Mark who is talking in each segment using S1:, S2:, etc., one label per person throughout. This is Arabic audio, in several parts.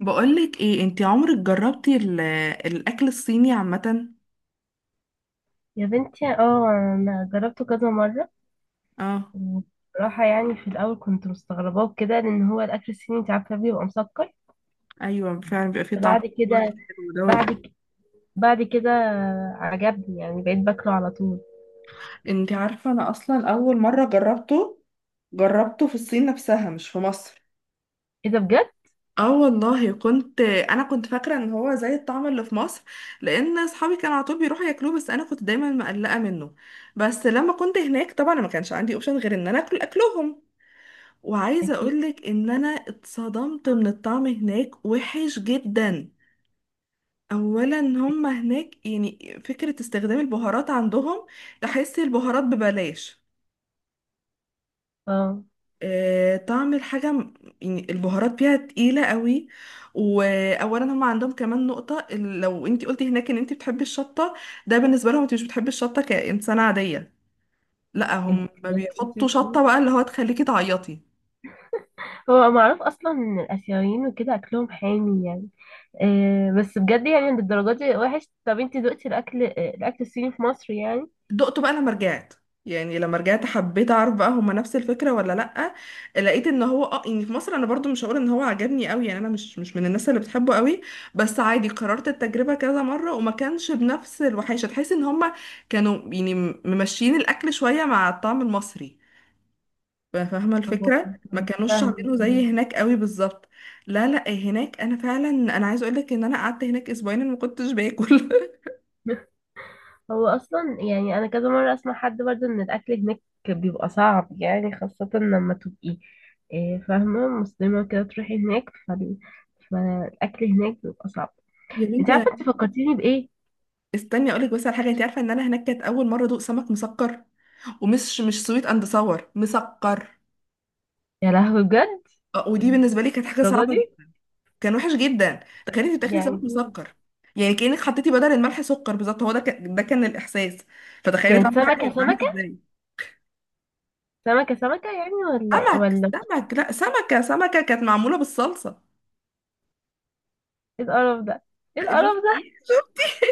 S1: بقولك ايه؟ انتي عمرك جربتي الاكل الصيني عامة؟
S2: يا بنتي، اه، انا جربته كذا مره.
S1: اه،
S2: وبصراحه يعني في الاول كنت مستغرباه كده لان هو الاكل الصيني انت عارفه بيبقى مسكر.
S1: ايوه فعلا بيبقى فيه طعم
S2: بعد كده
S1: حلو دوت.
S2: بعد ك- بعد كده عجبني يعني بقيت باكله على طول.
S1: انتي عارفة، انا اصلا اول مرة جربته جربته في الصين نفسها، مش في مصر.
S2: ايه ده بجد؟
S1: اه والله، كنت انا فاكرة ان هو زي الطعم اللي في مصر، لان اصحابي كانوا على طول بيروحوا ياكلوه، بس انا كنت دايما مقلقة منه. بس لما كنت هناك طبعا ما كانش عندي اوبشن غير ان انا اكل اكلهم. وعايزة
S2: اكيد.
S1: اقولك ان انا اتصدمت من الطعم هناك، وحش جدا. اولا هم هناك، يعني فكرة استخدام البهارات عندهم، تحس البهارات ببلاش.
S2: اه.
S1: آه، طعم الحاجة م- يعني البهارات فيها تقيلة قوي. وأولا هم عندهم كمان نقطة لو انتي قلتي هناك ان انتي بتحبي الشطة، ده بالنسبة لهم انتي مش بتحبي الشطة كإنسانة عادية، لا
S2: انت،
S1: هم بيحطوا شطة بقى اللي هو تخليكي تعيطي.
S2: هو معروف اصلا ان الاسيويين وكده اكلهم حامي يعني. آه، بس بجد يعني للدرجه دي وحش؟ طب انت دقتي الاكل الصيني في مصر يعني؟
S1: دقته بقى لما رجعت. يعني لما رجعت حبيت اعرف بقى هما نفس الفكره ولا لا. لقيت ان هو اه يعني في مصر انا برضو مش هقول ان هو عجبني قوي، يعني انا مش من الناس اللي بتحبه قوي. بس عادي، قررت التجربه كذا مره وما كانش بنفس الوحشه، تحس ان هما كانوا يعني ممشيين الاكل شويه مع الطعم المصري. فاهمه الفكره؟ ما
S2: آه،
S1: كانوش عاملينه
S2: فاهمة.
S1: زي هناك قوي بالظبط. لا لا هناك انا فعلا، انا عايزه اقول لك ان انا قعدت هناك اسبوعين أنا ما كنتش باكل
S2: هو اصلا يعني انا كذا مره اسمع حد برضه ان الاكل هناك بيبقى صعب يعني، خاصه لما تبقي، فاهمه، مسلمه كده تروحي هناك فالاكل هناك بيبقى صعب.
S1: يا
S2: انت
S1: بنتي،
S2: عارفه انت فكرتيني بايه؟
S1: استني اقولك بس على حاجه. انت عارفه ان انا هناك كانت اول مره ادوق سمك مسكر؟ ومش مش سويت اند صور مسكر.
S2: يا لهوي، بجد!
S1: آه، ودي بالنسبه لي كانت حاجه
S2: الدرجه
S1: صعبه
S2: دي
S1: جدا. كان وحش جدا. تخيلي انت بتاكلي
S2: يعني!
S1: سمك مسكر. يعني كانك حطيتي بدل الملح سكر بالظبط، هو ده كان، ده كان الاحساس. فتخيلي
S2: كانت
S1: طعم الحاجه
S2: سمكه
S1: هيبقى عامل
S2: سمكه
S1: ازاي.
S2: سمكه سمكه يعني ولا إيه؟
S1: سمك،
S2: ولا؟
S1: سمك. لا، سمكه سمكه كانت معموله بالصلصه.
S2: ايه القرف ده! ايه القرف ده!
S1: شفتي؟ شفتي؟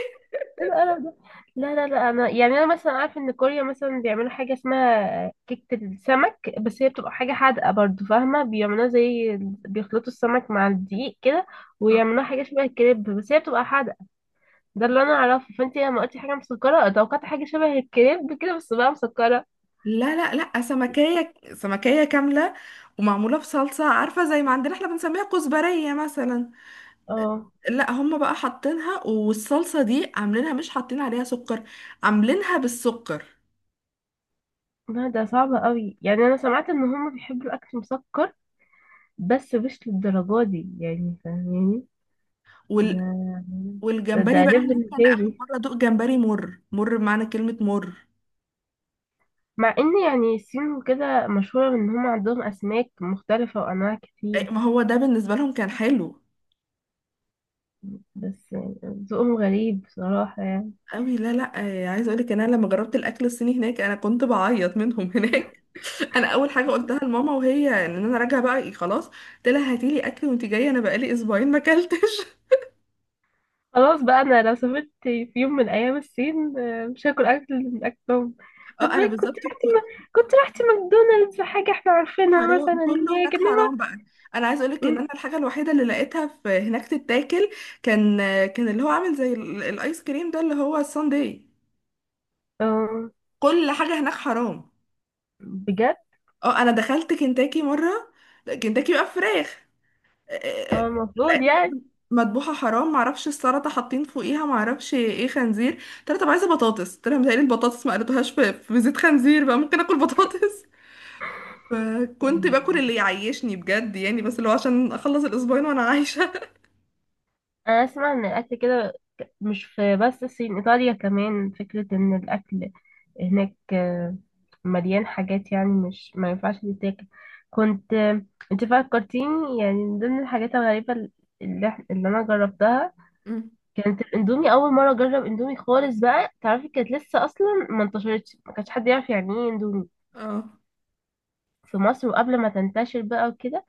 S2: ايه القرف ده! لا، لا، لا، انا يعني انا مثلا عارفه ان كوريا مثلا بيعملوا حاجه اسمها كيكه السمك، بس هي بتبقى حاجه حادقه برضو، فاهمه؟ بيعملوها زي، بيخلطوا السمك مع الدقيق كده ويعملوها حاجه شبه الكريب، بس هي بتبقى حادقه. ده اللي انا اعرفه، فانت لما قلتي حاجه مسكره توقعت حاجه شبه الكريب كده بس بقى مسكره.
S1: لا، لا، لا، سمكية سمكية كاملة، ومعمولة بصلصة، عارفة زي ما عندنا احنا بنسميها كزبرية مثلا.
S2: اه.
S1: لا هم بقى حاطينها والصلصة دي عاملينها، مش حاطين عليها سكر، عاملينها بالسكر.
S2: لا، ده صعب قوي، يعني انا سمعت ان هم بيحبوا الاكل مسكر بس مش للدرجه دي يعني، فاهماني؟ ده
S1: وال...
S2: ده
S1: والجمبري بقى
S2: ليفل
S1: هناك كان
S2: تاني.
S1: آخر مرة دوق جمبري مر، مر بمعنى كلمة مر.
S2: مع ان يعني الصين وكده مشهورة ان هم عندهم اسماك مختلفة وانواع
S1: إيه،
S2: كتير،
S1: ما هو ده بالنسبة لهم كان حلو
S2: بس يعني ذوقهم غريب بصراحة يعني.
S1: قوي. لا لا، إيه، عايزة اقولك ان انا لما جربت الاكل الصيني هناك انا كنت بعيط منهم هناك. انا اول حاجة قلتها لماما وهي ان انا راجعة بقى، إيه، خلاص قلت لها هاتيلي اكل وانت جاية، انا بقالي اسبوعين ما اكلتش.
S2: خلاص بقى، انا لو سافرت في يوم من الايام الصين، مش هاكل اكل من اكلهم. طب
S1: اه انا
S2: كنت
S1: بالظبط.
S2: رحت م... كنت رحت ماكدونالدز، حاجة احنا عارفينها مثلا
S1: حرام كله
S2: هناك؟
S1: هناك،
S2: انما
S1: حرام بقى. انا عايز اقولك ان انا
S2: م-
S1: الحاجه الوحيده اللي لقيتها في هناك تتاكل كان، كان اللي هو عامل زي الايس كريم ده اللي هو الساندي.
S2: آه،
S1: كل حاجه هناك حرام.
S2: بجد.
S1: اه انا دخلت كنتاكي مره. كنتاكي بقى فراخ. آه، آه، آه،
S2: المفروض
S1: لقيتها برضه مذبوحه حرام، معرفش السلطه حاطين فوقيها معرفش ايه خنزير. قلت لها طب عايزه بطاطس، قلت لها متهيألي البطاطس ما قلتوهاش في زيت خنزير، بقى ممكن اكل بطاطس.
S2: يعني
S1: فكنت باكل اللي يعيشني بجد يعني، بس اللي هو عشان اخلص الاسبوعين وانا عايشه.
S2: انا اسمع ان الاكل كده، مش في بس الصين، ايطاليا كمان، فكرة ان الاكل هناك مليان حاجات يعني مش، ما ينفعش تتاكل. كنت آه، انت فكرتيني يعني من ضمن الحاجات الغريبة اللي انا جربتها
S1: مم.
S2: كانت الاندومي. اول مرة اجرب اندومي خالص بقى، تعرفي، كانت لسه اصلا ما انتشرتش، ما كانش حد يعرف يعني ايه اندومي
S1: اه.
S2: في مصر. وقبل ما تنتشر بقى وكده،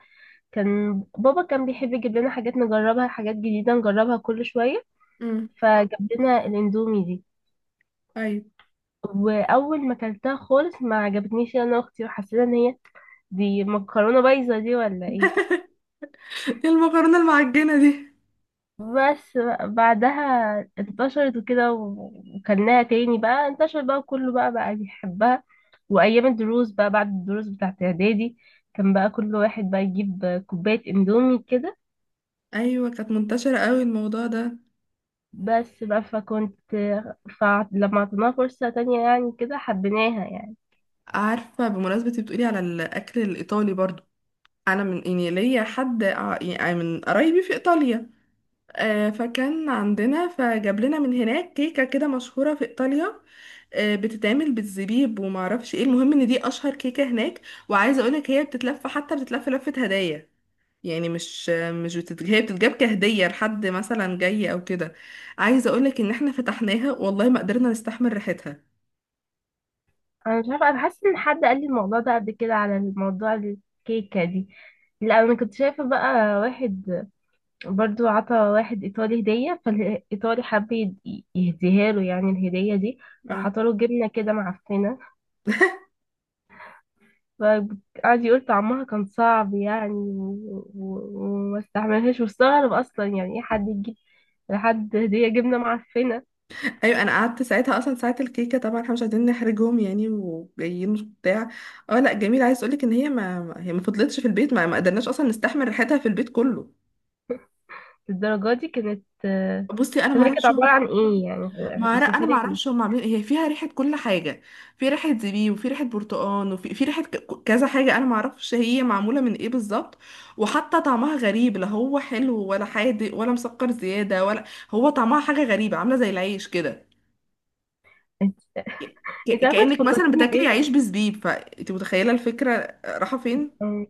S2: كان بابا كان بيحب يجيب لنا حاجات نجربها، حاجات جديدة نجربها كل شوية.
S1: مم.
S2: فجاب لنا الاندومي دي،
S1: ايوه.
S2: واول ما اكلتها خالص ما عجبتنيش انا واختي، وحسينا ان هي دي مكرونه بايظه دي ولا ايه.
S1: المكرونه المعجنه دي؟
S2: بس بقى بعدها انتشرت وكده وكلناها تاني، بقى انتشر بقى كله بقى بيحبها. وايام الدروس بقى، بعد الدروس بتاعت اعدادي، كان بقى كل واحد بقى يجيب كوبايه اندومي كده.
S1: ايوه كانت منتشره قوي الموضوع ده.
S2: بس بقى، فلما عطيناها فرصه تانية يعني كده حبيناها يعني.
S1: عارفه، بمناسبه إنتي بتقولي على الاكل الايطالي برضو، انا من يعني ليا حد يعني من قرايبي في ايطاليا. آه، فكان عندنا، فجاب لنا من هناك كيكه كده مشهوره في ايطاليا. آه، بتتعمل بالزبيب وما اعرفش ايه، المهم ان دي اشهر كيكه هناك. وعايزه اقولك هي بتتلف، حتى بتتلف لفه هدايا. يعني مش مش بتت... هي بتتجاب كهدية لحد مثلا جاي او كده. عايزة اقولك ان احنا فتحناها والله ما قدرنا نستحمل ريحتها.
S2: انا مش عارفه، انا حاسه ان حد قال لي الموضوع ده قبل كده، على الموضوع الكيكه دي. لا، انا كنت شايفه بقى واحد برضو عطى واحد ايطالي هديه، فالايطالي حب يهديها له، يعني الهديه دي راح
S1: اه.
S2: عطاله جبنه كده معفنه. فقعد يقول طعمها كان صعب يعني وما استحملهاش، واستغرب اصلا يعني ايه حد يجيب لحد هديه جبنه معفنه.
S1: ايوه انا قعدت ساعتها اصلا ساعة الكيكة، طبعا احنا مش عايزين نحرجهم يعني وجايين بتاع. اه لا جميل. عايز اقولك ان هي هي ما فضلتش في البيت، ما قدرناش اصلا نستحمل ريحتها في البيت كله.
S2: للدرجه دي كانت؟ آه.
S1: بصي انا
S2: طب
S1: ما
S2: هي كانت
S1: اعرفش.
S2: عباره عن ايه يعني؟
S1: ما أعرف- انا
S2: وصفها
S1: ما
S2: لي.
S1: اعرفش هم عاملين إيه. هي فيها ريحه كل حاجه. في ريحه زبيب وفي ريحه برتقان وفي ريحه كذا حاجه، انا ما اعرفش هي معموله من ايه بالظبط. وحتى طعمها غريب، لا هو حلو ولا حادق ولا مسكر زياده ولا، هو طعمها حاجه غريبه عامله زي العيش كده. ك-
S2: انت عارفه انت
S1: كانك مثلا
S2: فكرتيني
S1: بتاكلي
S2: بايه؟
S1: عيش بزبيب، فانت متخيله الفكره رايحه فين.
S2: أم،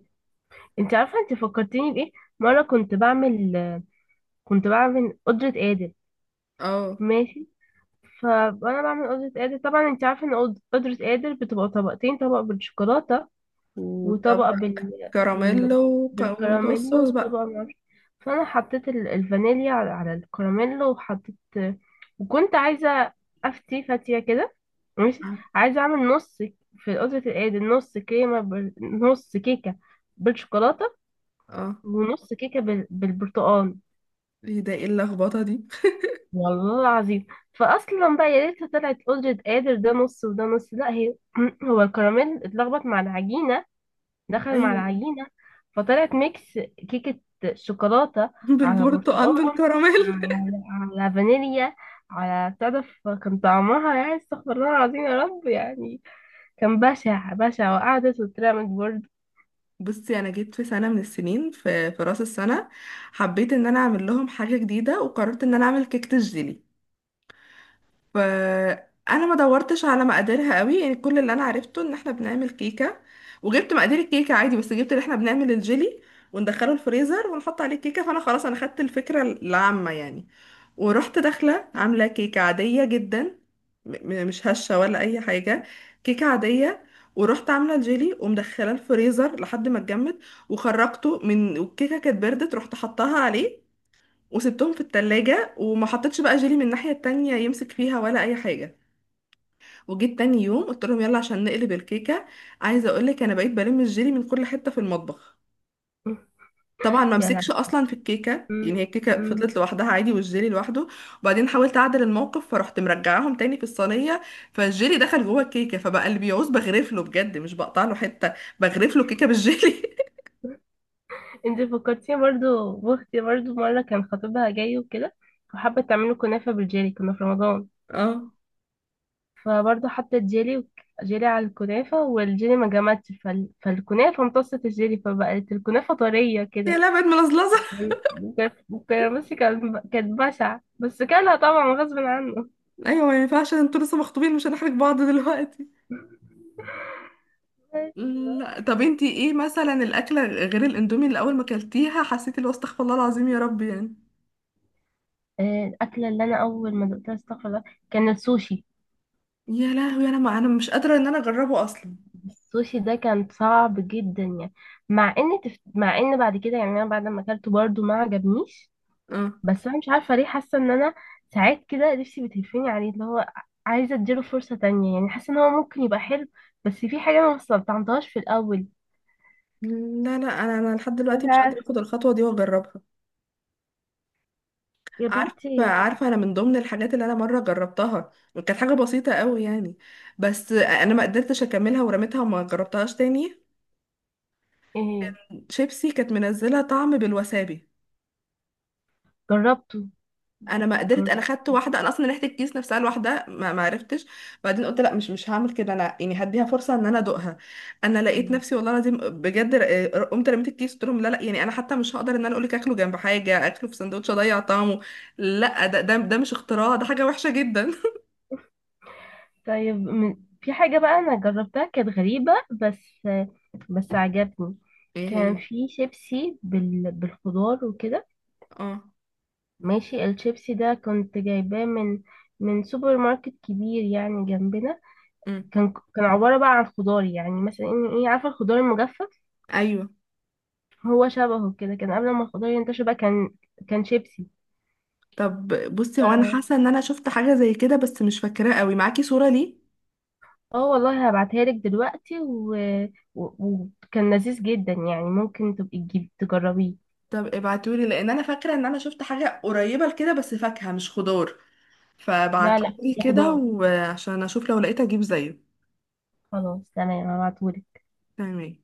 S2: انت عارفه انت فكرتيني بايه. مره كنت بعمل قدره قادر،
S1: اه.
S2: ماشي؟ فانا بعمل قدره قادر، طبعا انت عارفه ان قدره قادر بتبقى طبقتين، طبق بالشوكولاته وطبقه
S1: وطبق كراميلو
S2: بالكراميل،
S1: والصوص بقى.
S2: وطبقه معرفش. فانا حطيت الفانيليا على الكراميل وحطيت، وكنت عايزه افتي فاتيه كده ماشي، عايزه اعمل نص في قدره القادر، نص كريمه نص كيكه بالشوكولاته
S1: اه.
S2: ونص كيكة بالبرتقال.
S1: ايه ده؟ ايه اللخبطه دي؟
S2: والله العظيم، فأصلا بقى يا ريتها طلعت قدرة قادر، ده نص وده نص، لا هي هو الكراميل اتلخبط مع العجينة، دخل مع
S1: ايوه.
S2: العجينة، فطلعت ميكس كيكة شوكولاتة على برتقال
S1: بالبرتقال بالكراميل.
S2: على, على فانيليا، على، تعرف كان طعمها يعني استغفر الله العظيم يا رب يعني. كان بشع بشع، وقعدت واترمت برضه.
S1: بصي انا جيت في سنه من السنين في راس السنه حبيت ان انا اعمل لهم حاجه جديده، وقررت ان انا اعمل كيكه الجيلي. فانا ما دورتش على مقاديرها قوي، يعني كل اللي انا عرفته ان احنا بنعمل كيكه. وجبت مقادير الكيكه عادي، بس جبت اللي احنا بنعمل الجيلي وندخله الفريزر ونحط عليه الكيكه، فانا خلاص انا خدت الفكره العامه يعني. ورحت داخلة عاملة كيكة عادية جدا، مش هشة ولا أي حاجة، كيكة عادية. ورحت عاملة الجيلي ومدخلة الفريزر لحد ما اتجمد، وخرجته من، والكيكة كانت بردت رحت حطاها عليه، وسبتهم في التلاجة، وما حطيتش بقى جيلي من الناحية التانية يمسك فيها ولا أي حاجة. وجيت تاني يوم قلت لهم يلا عشان نقلب الكيكة. عايزة أقولك أنا بقيت بلم الجيلي من كل حتة في المطبخ. طبعا ما
S2: يا
S1: مسكش اصلا في الكيكه، يعني هي الكيكه
S2: لا!
S1: فضلت لوحدها عادي والجيلي لوحده. وبعدين حاولت اعدل الموقف فرحت مرجعاهم تاني في الصينيه، فالجيلي دخل جوه الكيكه، فبقى اللي بيعوز بغرف له بجد، مش بقطع له حته، بغرف له كيكه بالجيلي.
S2: انت فكرتيني برضو بأختي، برضو مرة كان خطيبها جاي وكده وحابة تعمله كنافة بالجيلي، كنا في رمضان.
S1: اه.
S2: فبرضو حطت جيلي على الكنافة، والجيلي ما جمدش فالكنافة امتصت الجيلي، فبقت الكنافة طرية
S1: يا
S2: كده
S1: لا بقت ملزلزه.
S2: يعني. كان، بصي، كانت بشعة بس كانها طبعا غصب عنه.
S1: ايوه ما ينفعش، انتوا لسه مخطوبين مش هنحرج بعض دلوقتي. لا طب انتي ايه مثلا الاكله غير الاندومي اللي اول ما اكلتيها حسيتي اللي هو استغفر الله العظيم يا رب يعني؟
S2: آه، الأكلة اللي أنا أول ما دقتها استغفر الله كان السوشي.
S1: يا لهوي، انا ما، انا مش قادره ان انا اجربه اصلا.
S2: السوشي ده كان صعب جدا يعني، مع ان مع ان بعد كده يعني انا بعد ما اكلته برضو ما عجبنيش.
S1: اه.
S2: بس انا مش عارفه ليه، حاسه ان انا ساعات كده نفسي بتهفني عليه، اللي هو عايزه اديله فرصه تانية يعني، حاسه ان هو ممكن يبقى حلو. بس في حاجه انا ما استلطعمتهاش في الاول.
S1: لا لا، انا لحد
S2: مش
S1: دلوقتي مش قادره
S2: عارف.
S1: اخد الخطوه دي واجربها.
S2: يا
S1: عارفه
S2: بنتي.
S1: عارفه انا من ضمن الحاجات اللي انا مره جربتها وكانت حاجه بسيطه قوي يعني، بس انا ما قدرتش اكملها ورميتها وما جربتها تاني.
S2: ايه؟
S1: شيبسي كانت منزله طعم بالوسابي.
S2: جربته.
S1: انا ما قدرت، انا
S2: جربت.
S1: خدت واحده، انا اصلا ريحه الكيس نفسها لوحدها ما عرفتش. بعدين قلت لا، مش هعمل كده انا يعني، هديها فرصه ان انا ادوقها. انا لقيت نفسي والله العظيم بجد قمت رميت الكيس، قلت لهم لا لا، يعني انا حتى مش هقدر ان انا اقول لك اكله جنب حاجه اكله في سندوتش اضيع طعمه. لا، ده مش اختراع، ده حاجه وحشه جدا.
S2: طيب في حاجه بقى انا جربتها كانت غريبه، بس عجبني.
S1: ايه
S2: كان
S1: هي؟
S2: في شيبسي بالخضار وكده
S1: اه.
S2: ماشي. الشيبسي ده كنت جايباه من سوبر ماركت كبير يعني جنبنا.
S1: امم.
S2: كان، عبارة بقى عن خضار، يعني مثلا ايه، عارفة الخضار المجفف؟
S1: ايوه.
S2: هو شبهه كده، كان قبل ما الخضار ينتشر بقى كان شيبسي.
S1: طب بصي، هو انا
S2: اه.
S1: حاسه ان انا شفت حاجه زي كده بس مش فاكراه قوي، معاكي صوره ليه؟
S2: آه، والله هبعتها لك دلوقتي، وكان وكان لذيذ جدا يعني، ممكن تبقي تجيب تجربيه.
S1: طب ابعتولي، لان انا فاكره ان انا شفت حاجه قريبه لكده بس فاكهه مش خضار،
S2: لا، لا،
S1: فبعتهولي
S2: ده
S1: كده
S2: خضار.
S1: وعشان اشوف لو لقيت اجيب زيه.
S2: خلاص تمام، هبعتهولك.
S1: تمام.